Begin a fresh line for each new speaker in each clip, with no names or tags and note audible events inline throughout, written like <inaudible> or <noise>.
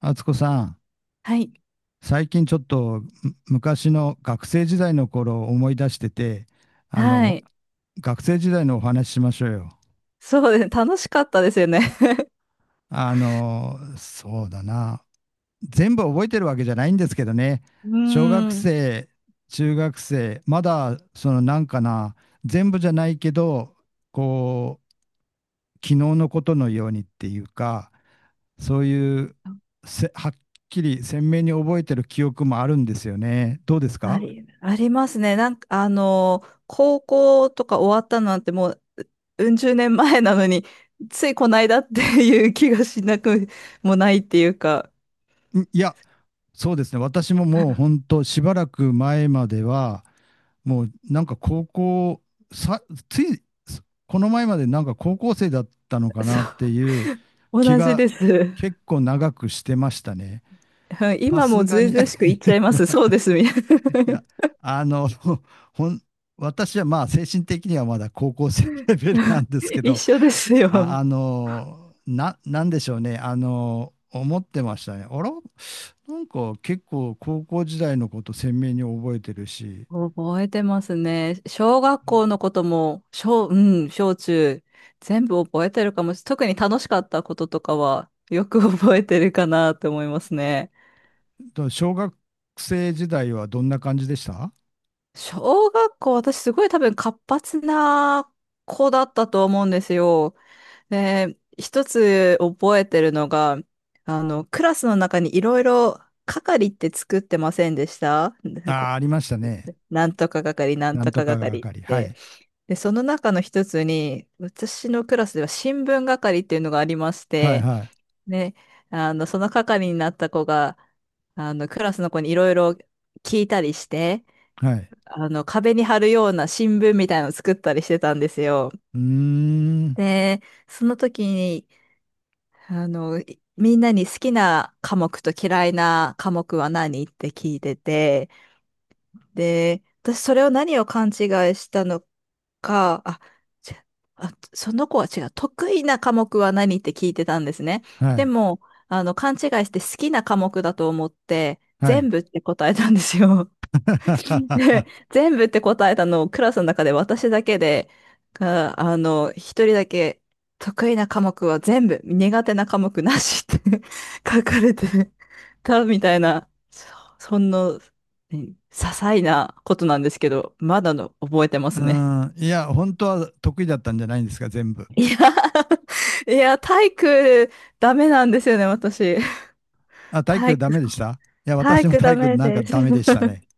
敦子さん、
はい。
最近ちょっと昔の学生時代の頃を思い出してて、あ
は
の、
い。
学生時代のお話ししましょうよ。
そうですね。楽しかったですよね。<laughs>
そうだな。全部覚えてるわけじゃないんですけどね。
う
小学
ーん。
生、中学生、まだそのなんかな、全部じゃないけど、こう、昨日のことのようにっていうか、そういうはっきり鮮明に覚えてる記憶もあるんですよね。どうですか？
ありますね。なんか、高校とか終わったなんてもう、うん十年前なのに、ついこないだっていう気がしなくもないっていうか、
んいや、そうですね。私ももう本当しばらく前までは、もうなんか高校、さ、つい、この前までなんか高校生だったのか
そ
なっていう
う、
気
同じ
が
です。う
結構長くしてましたね。
ん
さ
今
す
もず
が
う
に <laughs> い
ずうしく言っちゃいます。そうです、みたいな。
や、あの、ほん、私はまあ精神的にはまだ高校生レベルなんですけ
<laughs> 一
ど、
緒ですよ。
なんでしょうね。あのー思ってましたね。あら、なんか結構高校時代のこと鮮明に覚えてるし、
覚えてますね。小学校のことも、うん、小中、全部覚えてるかもし、特に楽しかったこととかは、よく <laughs> 覚えてるかなって思いますね。
と小学生時代はどんな感じでした？あ
小学校、私すごい多分活発な子だったと思うんですよ。で、一つ覚えてるのが、クラスの中にいろいろ係って作ってませんでした？なんか
あ
こ
ー、ありましたね。
うなんとか係、なん
な
と
んと
か
かが
係っ
かり。は
て。
い。
で、その中の一つに、私のクラスでは新聞係っていうのがありまし
はい、
て、
はい、
ね、その係になった子が、クラスの子にいろいろ聞いたりして、
はい。
壁に貼るような新聞みたいなのを作ったりしてたんですよ。
うーん。
で、その時に、みんなに好きな科目と嫌いな科目は何って聞いてて、で、私それを何を勘違いしたのか、ちその子は違う。得意な科目は何って聞いてたんですね。
は
で
い、
も、勘違いして好きな科目だと思って、
は
全
い。
部って答えたんですよ。
<laughs>
で、全部って答えたのをクラスの中で私だけで、が、一人だけ得意な科目は全部、苦手な科目なしって <laughs> 書かれてたみたいな、そんな、ね些細なことなんですけど、まだの覚えてま
う
すね。
ーん。いや、本当は得意だったんじゃないんですか、全部。
いや、<laughs> いや、体育ダメなんですよね、私。
あ、体
体
育ダ
育、
メでした？いや、
体
私も
育
体
ダ
育
メ
なんか
です。
ダメでしたね。
<laughs>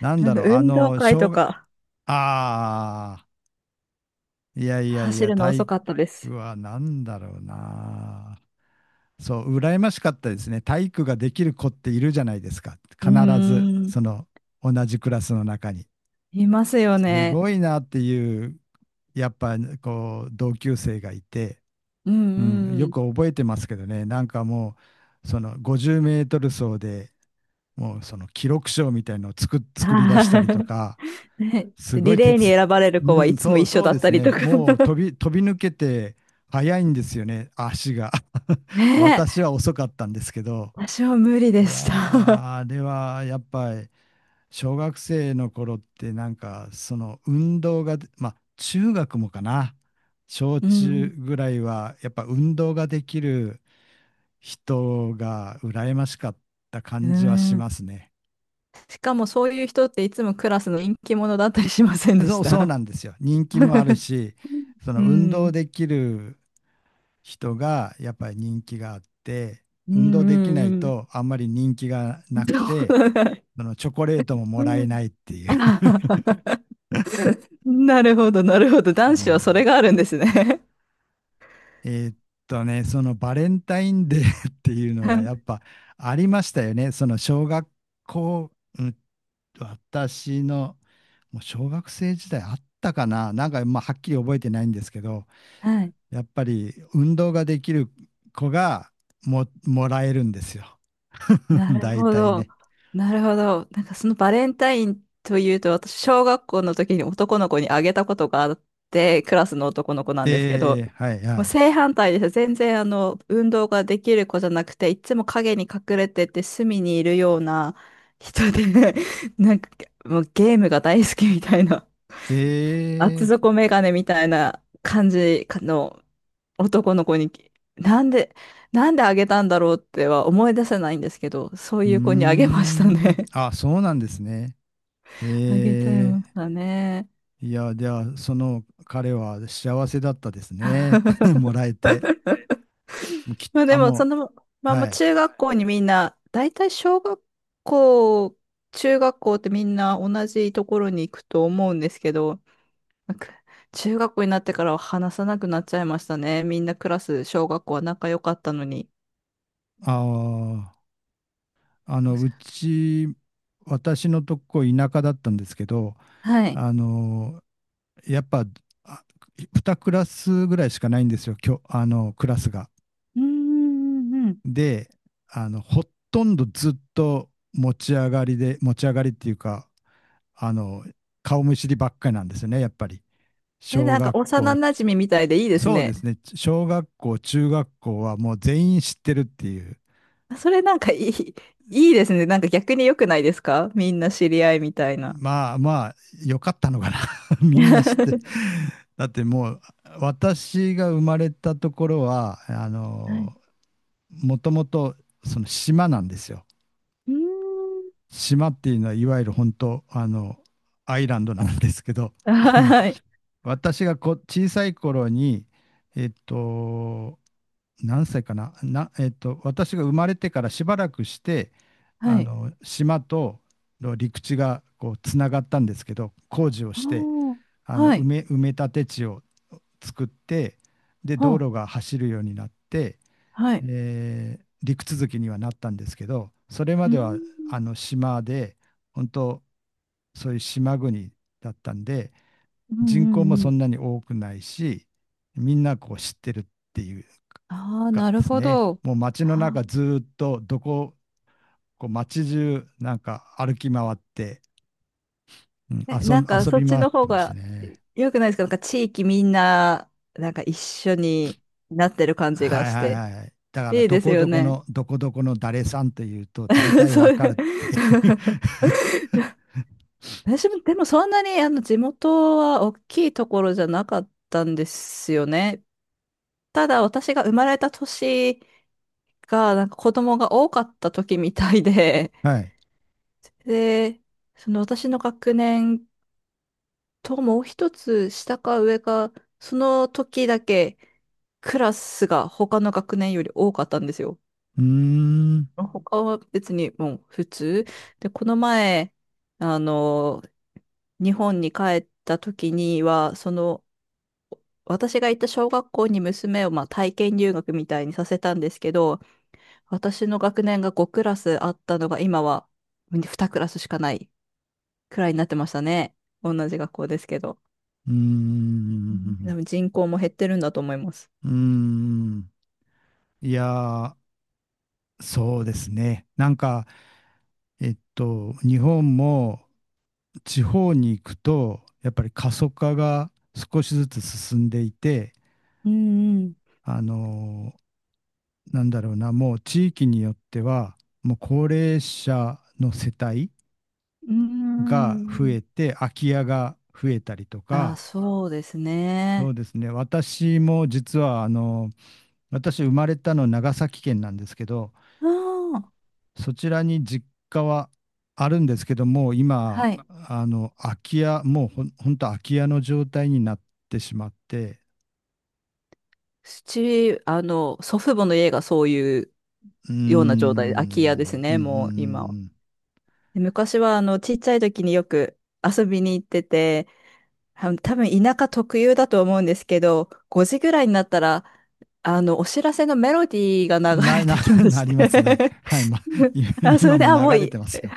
なんだろう、あ
運動
の、
会と
小学、
か
ああ、いやいやい
走
や、
るの
体
遅かったです。
育はなんだろうな。そう、羨ましかったですね。体育ができる子っているじゃないですか。
うー
必ず、
ん。
その、同じクラスの中に。
いますよ
す
ね。
ごいなっていう、やっぱ、こう、同級生がいて、
う
うん、
んう
よ
ん。
く覚えてますけどね、なんかもう、その、50メートル走でもう、その、記録賞みたいのを作、作り出した
あ
りと
ー
か、
<laughs> ね、
す
で
ご
リ
い
レーに
鉄。
選ばれる子
う
はい
ん、
つも一緒
そう
だ
で
っ
す
たりと
ね。
か。
もう飛び抜けて速いんですよね、足が。<laughs>
<laughs> ねえ、
私は遅かったんですけど。
私は無理で
いやー、
した。
あれはやっぱり小学生の頃ってなんかその運動が、まあ中学もかな。小
<laughs> う
中
ん。
ぐらいはやっぱ運動ができる人が羨ましかった
う
感じはし
ん。
ますね。
しかもそういう人っていつもクラスの人気者だったりしませんでし
そう
た？
なんですよ。人気もあるし、
<laughs>
そ
う
の運動
ん。
できる人がやっぱり人気があって、
うん
運動
う
できない
んうん。
とあんまり人気がな
そ
くて、
う
そのチョコレートももらえないってい
あ
う。
はは。 <laughs> なるほど、なるほど。
<laughs>
男
う
子は
ん、
それがあるんですね。 <laughs>
えーっそのバレンタインデー <laughs> っていうのがやっぱありましたよね。その小学校、うん、私のもう小学生時代あったかな。なんかまあはっきり覚えてないんですけど、
はい。
やっぱり運動ができる子がもらえるんですよ。<laughs>
なる
大
ほ
体
ど。
ね。
なるほど。なんかそのバレンタインというと、私、小学校の時に男の子にあげたことがあって、クラスの男の子なんですけど、
ええ、はいは
もう
い。
正反対です。全然運動ができる子じゃなくて、いつも影に隠れてて隅にいるような人で、<laughs> なんかもうゲームが大好きみたいな、
え
厚
え、
底メガネみたいな感じの男の子になんで、なんであげたんだろうっては思い出せないんですけど、そう
うー
いう子にあげました
ん。
ね。
あ、そうなんですね。
<laughs> あげちゃい
え
ましたね。
え、いや、じゃあ、その彼は幸せだったですね。<laughs>
<laughs>
もらえて。もうき、
まあで
あ、
も、そ
も
の
う、
ま
は
ま
い。
中学校にみんな、大体小学校、中学校ってみんな同じところに行くと思うんですけど、なんか中学校になってからは話さなくなっちゃいましたね。みんなクラス、小学校は仲良かったのに。
ああ、私のとこ田舎だったんですけど、
はい。
あの、やっぱ、あ、2クラスぐらいしかないんですよ、きょ、あの、クラスが。
うーんうんうん。
で、ほとんどずっと持ち上がりで、持ち上がりっていうか、あの、顔見知りばっかりなんですよね、やっぱり。
え、
小
なんか
学
幼
校、
馴染みみたいでいいです
そうです
ね。
ね、小学校、中学校はもう全員知ってるっていう。
それなんかいいですね。なんか逆に良くないですか？みんな知り合いみたいな。
まあまあ、よかったのかな <laughs>。みんな知って。
<laughs>
だってもう、私が生まれたところは、あ
はい。
の、もともとその島なんですよ。
うーん。
島っていうのはいわゆる本当あのアイランドなんですけど <laughs> あの
はい。
私が小さい頃にえっと何歳かなな、えっと、私が生まれてからしばらくして
は
あ
い。
の島との陸地がこうつながったんですけど、工事を
あ
して
ー
あの
はい。
埋め立て地を作って、で道
は
路が走るようになって、
あはい。
陸続きにはなったんですけど、それま
うー
で
ん。
はあの島で、本当そういう島国だったんで、
うん
人
う
口も
んう
そ
ん。
んなに多くないし、みんなこう知ってるっていう
ああ、
か
なる
です
ほ
ね、
ど。
もう街の中
は
ずーっとどこ、こう街中なんか歩き回って、うん、
あ、え、なんか
遊
そっ
び
ち
回っ
の
て
方
ました
が
ね。
良くないですか？なんか地域みんな、なんか一緒になってる感じが
はいは
して。
いはい。だから、
いいですよね。
どこどこの誰さんというと、大
<laughs>
体わ
そう。
かるっていう。<laughs>
私も、でもそんなにあの地元は大きいところじゃなかったんですよね。ただ私が生まれた年が、なんか子供が多かった時みたいで、
はい。
で、その私の学年ともう一つ下か上か、その時だけクラスが他の学年より多かったんですよ。
うーん。う
他は別にもう普通。で、この前、あの、日本に帰った時には、その、私が行った小学校に娘をまあ体験留学みたいにさせたんですけど、私の学年が5クラスあったのが今は2クラスしかないくらいになってましたね。同じ学校ですけど。
ー
うん
ん。
多分人口も減ってるんだと思います。
うーん。いやー、そうですね。なんか、えっと、日本も地方に行くと、やっぱり過疎化が少しずつ進んでいて、
うん
あのーなんだろうな、もう地域によっては、もう高齢者の世帯
うん。う
が増
ーん。
えて、空き家が増えたりと
あ、
か、
そうです
そ
ね。
うですね。私も実はあの、私、生まれたの長崎県なんですけど、
ああ、
そちらに実家はあるんですけども、今、
はい。う
あの空き家、もうほん、ほんと空き家の状態になってしまって、
ち、祖父母の家がそういう
うー
ような状態で、空き家です
ん、うん、う
ね、もう今は。
ん、
で昔は、ちっちゃい時によく遊びに行ってて、多分田舎特有だと思うんですけど、5時ぐらいになったら、お知らせのメロディーが流
な、
れ
な、
てき
<laughs>
ま
な
し
りますね。
て。
はい、ま、
<laughs> あ、
<laughs>
そ
今今
れで、
も流
あ、もうい
れ
い。
てます
<laughs>
よ。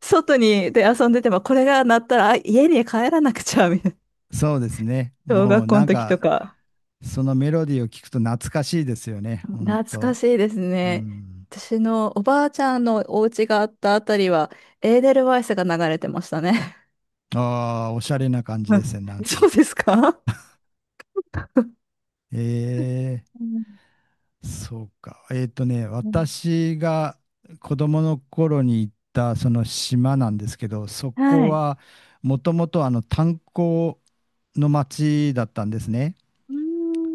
外にで遊んでても、これが鳴ったら、あ、家に帰らなくちゃ、みたいな。
そうですね。
<laughs> 小
もう
学校
な
の
ん
時と
か
か。
そのメロディーを聞くと懐かしいですよね、ほん
懐か
と。
しいです
う
ね。
ん。
私のおばあちゃんのお家があったあたりは、エーデルワイスが流れてましたね。
ああ、おしゃれな感じ
<laughs>
ですね、なん
そう
か。
ですか？
え
うん
え、そうか。えっとね、
うん
私が子供の頃に行ったその島なんですけど、そこ
はい。
はもともとあの炭鉱の町だったんですね。
うー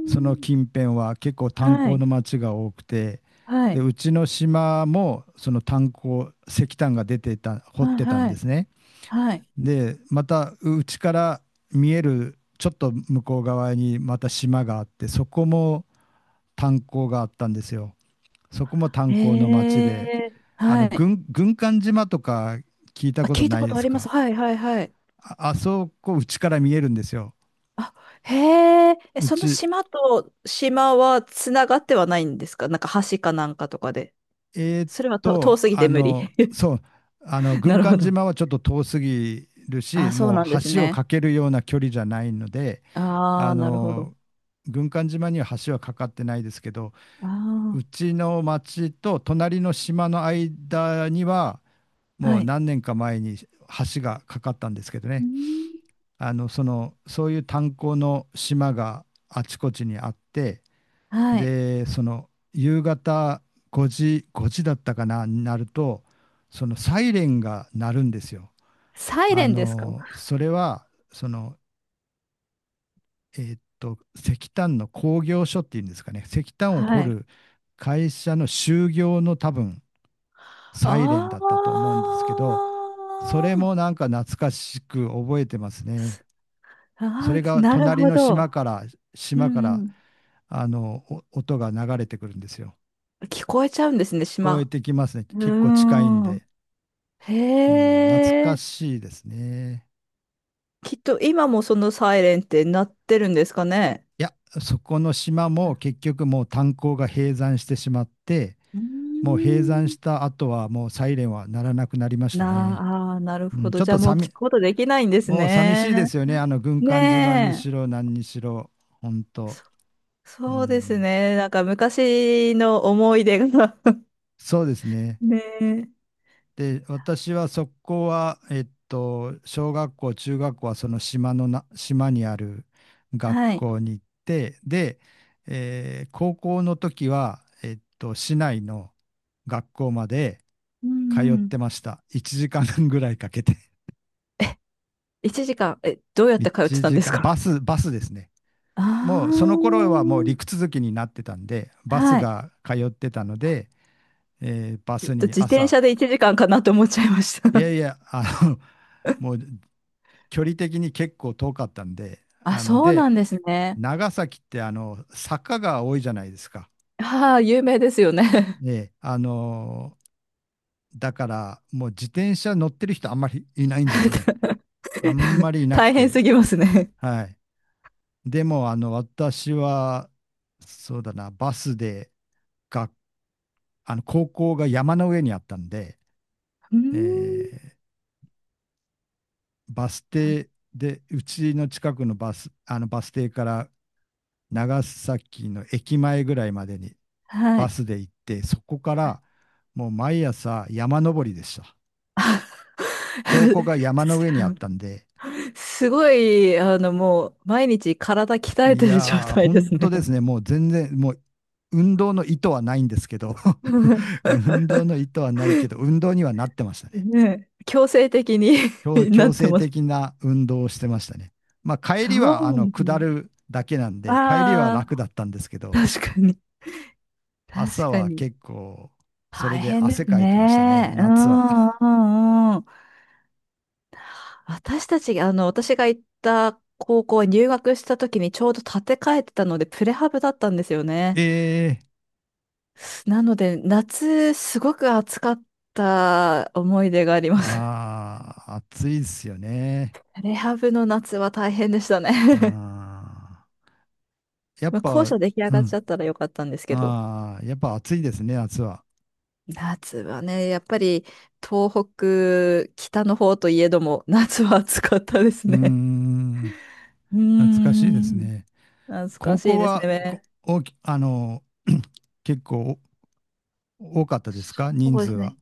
その
ん。
近辺は結構炭
は
鉱
い。
の町が多くて、
は
で、
い。
うちの島もその炭鉱、石炭が出てた、掘
は
っ
い。
てたん
は
で
い。
すね。
はい。
でまたうちから見えるちょっと向こう側にまた島があって、そこも炭鉱があったんですよ。そこも炭鉱の町
へ
で、
え。
あ
は
の
い。
軍艦島とか聞いた
あ、
こと
聞いた
ない
こ
で
とあ
す
ります。
か？
はい。はい。はい。
ああ、そこうちから見えるんですよ。
あ、へえ。え、
う
その
ち
島と島はつながってはないんですか？なんか橋かなんかとかで。
えーっ
それはと遠
と
すぎ
あ
て無理。
の
<laughs>
そうあの
な
軍
るほ
艦
ど。
島はちょっと遠すぎるし、
あ、そう
もう
なんです
橋を
ね。
架けるような距離じゃないので、
あ
あ
あ、なるほど。
の軍艦島には橋は架かってないですけど、
あ
うちの町と隣の島の間には、
あ、
も
は
う
い。
何年か前に橋がかかったんですけど
うー
ね。
ん
あの、その、そういう炭鉱の島があちこちにあって、
はい。
で、その、夕方5時、5時だったかな、になると、そのサイレンが鳴るんですよ。
サイ
あ
レンですか？
の、それは、その、石炭の工業所っていうんですかね、石炭を掘
はい。
る会社の就業の多分サイレンだった
あ
と思うんですけど、それもなんか懐かしく覚えてますね。そ
あ、
れ
あー
が
なる
隣
ほ
の
ど。う
島か
んう
ら、
ん。
あの、音が流れてくるんですよ。
聞こえちゃうんですね、
聞こえ
島。
てきますね。
う
結構近いん
ーん。
で。うん、懐
へ
か
え。
しいですね。
きっと今もそのサイレンって鳴ってるんですかね。
いや、そこの島も結局もう炭鉱が閉山してしまって、
う
もう閉山
ん。
した後はもうサイレンは鳴らなくなりましたね。
なあー、なる
う
ほ
ん、ち
ど。
ょっ
じゃあ
と
もう聞
寂、
くことできないんです
もう寂しいで
ね。
すよね。あの軍艦島に
ね
し
え。
ろ何にしろ、本当
そ、
う
そうです
ん、
ね。なんか昔の思い出が。
そうです
<laughs>
ね。
ねえ。
で、私はそこは、えっと、小学校、中学校はその島のな、島にある学
はい。
校に行って、で、高校の時は、えっと、市内の学校まで
う
通
んう
っ
ん。
てました。1時間ぐらいかけて。<laughs>
1時間、え、どうやって通って
1
たんで
時
す
間、
か？
バスですね。もうそ
あ
の頃はもう陸続きになってたんで、
あー、
バス
はい。
が通ってたので、えーバ
ちょ
ス
っと
に
自転
朝、
車で1時間かんかなと思っちゃいました。
いや
<laughs>
いや、あの、もう距離的に結構遠かったんで、
あ、
あの
そう
で、
なんですね。
長崎ってあの坂が多いじゃないですか。
ああ、有名ですよね。
ね、あのだからもう自転車乗ってる人あんまりいないんですよね。
<laughs>
あんまりいなく
大変す
て。
ぎますね。
はい。でも、あの、私は、そうだな、バスで、が、あの、高校が山の上にあったんで、
うーん、
えーバス停で、うちの近くのバス、あの、バス停から長崎の駅前ぐらいまでに
は
バ
い。
スで行って、そこからもう毎朝山登りでした。
あ
高校が山
<laughs>
の
す
上にあったんで、
すごい、もう、毎日体鍛え
い
てる状
やー、
態で
本
す
当
ね。
ですね、もう全然、もう運動の意図はないんですけど、
<laughs>
<laughs> 運動の意図はないけど、運動にはなってましたね。
ねえ、強制的に。 <laughs> な
強
って
制
ます。
的な運動をしてましたね。まあ、帰
そ
りはあ
う
の下
ね。
るだけなんで、帰りは
あ
楽だったんですけ
<laughs>
ど、
確かに。確
朝
か
は
に。
結構、それ
大
で
変で
汗
す
かいてましたね、
ね。う
夏は。
んうんうん。私たち、私が行った高校は入学した時にちょうど建て替えてたので、プレハブだったんですよね。
<laughs> ええ、
なので、夏、すごく暑かった思い出があります。<laughs>
ああ、暑いですよね。
プレハブの夏は大変でしたね。
う
<laughs>
ん。やっ
まあ、
ぱ、
校舎出来上
う
がっち
ん。
ゃったらよかったんですけど。
ああ、やっぱ暑いですね、夏は。
夏はね、やっぱり東北、北の方といえども、夏は暑かったです
うー
ね。
ん。
うー
懐かしいです
ん。
ね。
懐か
高
しい
校
です
は、こ、
ね。
大き、あの、<clears throat> 結構多かったですか、人
そう
数
です
は。
ね。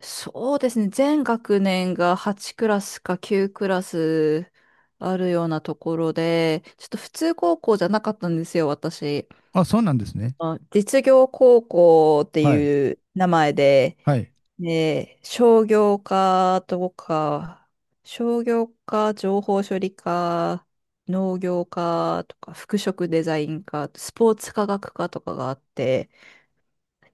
そうですね。全学年が8クラスか9クラスあるようなところで、ちょっと普通高校じゃなかったんですよ、私。
あ、そうなんですね。
実業高校って
はい。
いう名前で、
はい。
で、商業科、情報処理科、農業科とか、服飾デザイン科、スポーツ科学科とかがあって、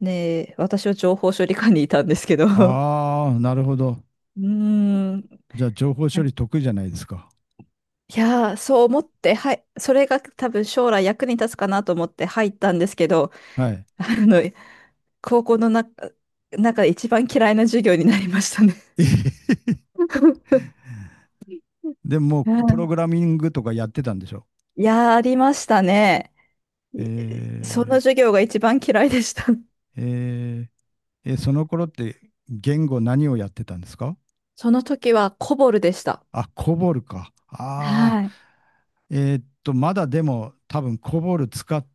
ねえ、私は情報処理課にいたんですけど。<laughs>
ああ、なるほど。
うーん。
じゃあ、情報処理
<laughs>
得意じゃないですか。
いやー、そう思って、はい、それが多分将来役に立つかなと思って入ったんですけど、
はい。
あの、高校の中で一番嫌いな授業になりましたね。
<laughs> でも、
う
プロ
ん
グラミングとかやってたんでしょ？
<laughs> いやー、ありましたね。いその
え
授業が一番嫌いでした。
ー、えーえ、その頃って言語何をやってたんですか？
その時はコボルでした。
あ、コボルか。ああ、
はい。
えーっと、まだでも多分コボル使っ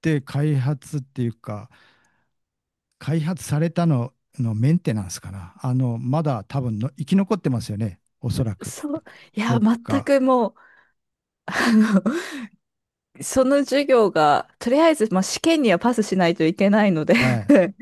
て開発っていうか、開発されたののメンテナンスかな。あの、まだ多分生き残ってますよね、おそらく。
そう、いや、
どっ
全
か。
くもう、あのその授業が、とりあえず、まあ、試験にはパスしないといけないので
はい。
<laughs>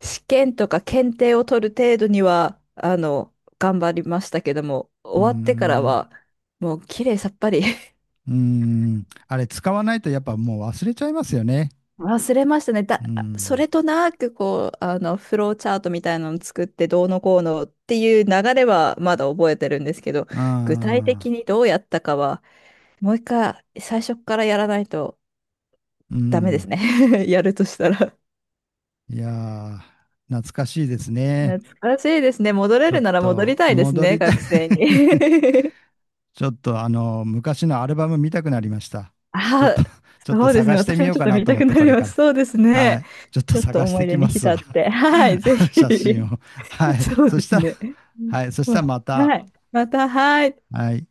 試験とか検定を取る程度には、頑張りましたけども、
うー
終わってから
ん。
は、もう綺麗さっぱり。 <laughs>
うーん。あれ、使わないとやっぱもう忘れちゃいますよね。
忘れましたね。
う
そ
ん。
れとなく、こう、フローチャートみたいなのを作って、どうのこうのっていう流れはまだ覚えてるんですけど、
あ
具体
あ、
的にどうやったかは、もう一回、最初からやらないと
う
ダメです
ん。
ね。 <laughs> やるとしたら
いやー、懐かしいですね。
懐かしいですね。戻
ち
れ
ょ
る
っ
なら戻り
と
たいです
戻
ね、
りたい。
学
<laughs>
生に。<laughs>
ちょっとあの、昔のアルバム見たくなりました。ちょっと、
あ、
<laughs> ちょっと
そうです
探
ね。
して
私
み
も
よう
ちょっ
か
と
な
見
と
た
思っ
く
て、
な
こ
り
れ
ま
か
す。
ら。
そうです
は
ね。
い。ちょっと
ちょっと
探し
思
て
い
き
出に
ます
浸
わ。
って。はい、ぜ
<laughs>
ひ。
写真を。は
<laughs>
い。
そう
そ
で
し
す
たら、
ね。
はい。そし
ま
たらま
あ
た、
はい。また、はい。
はい。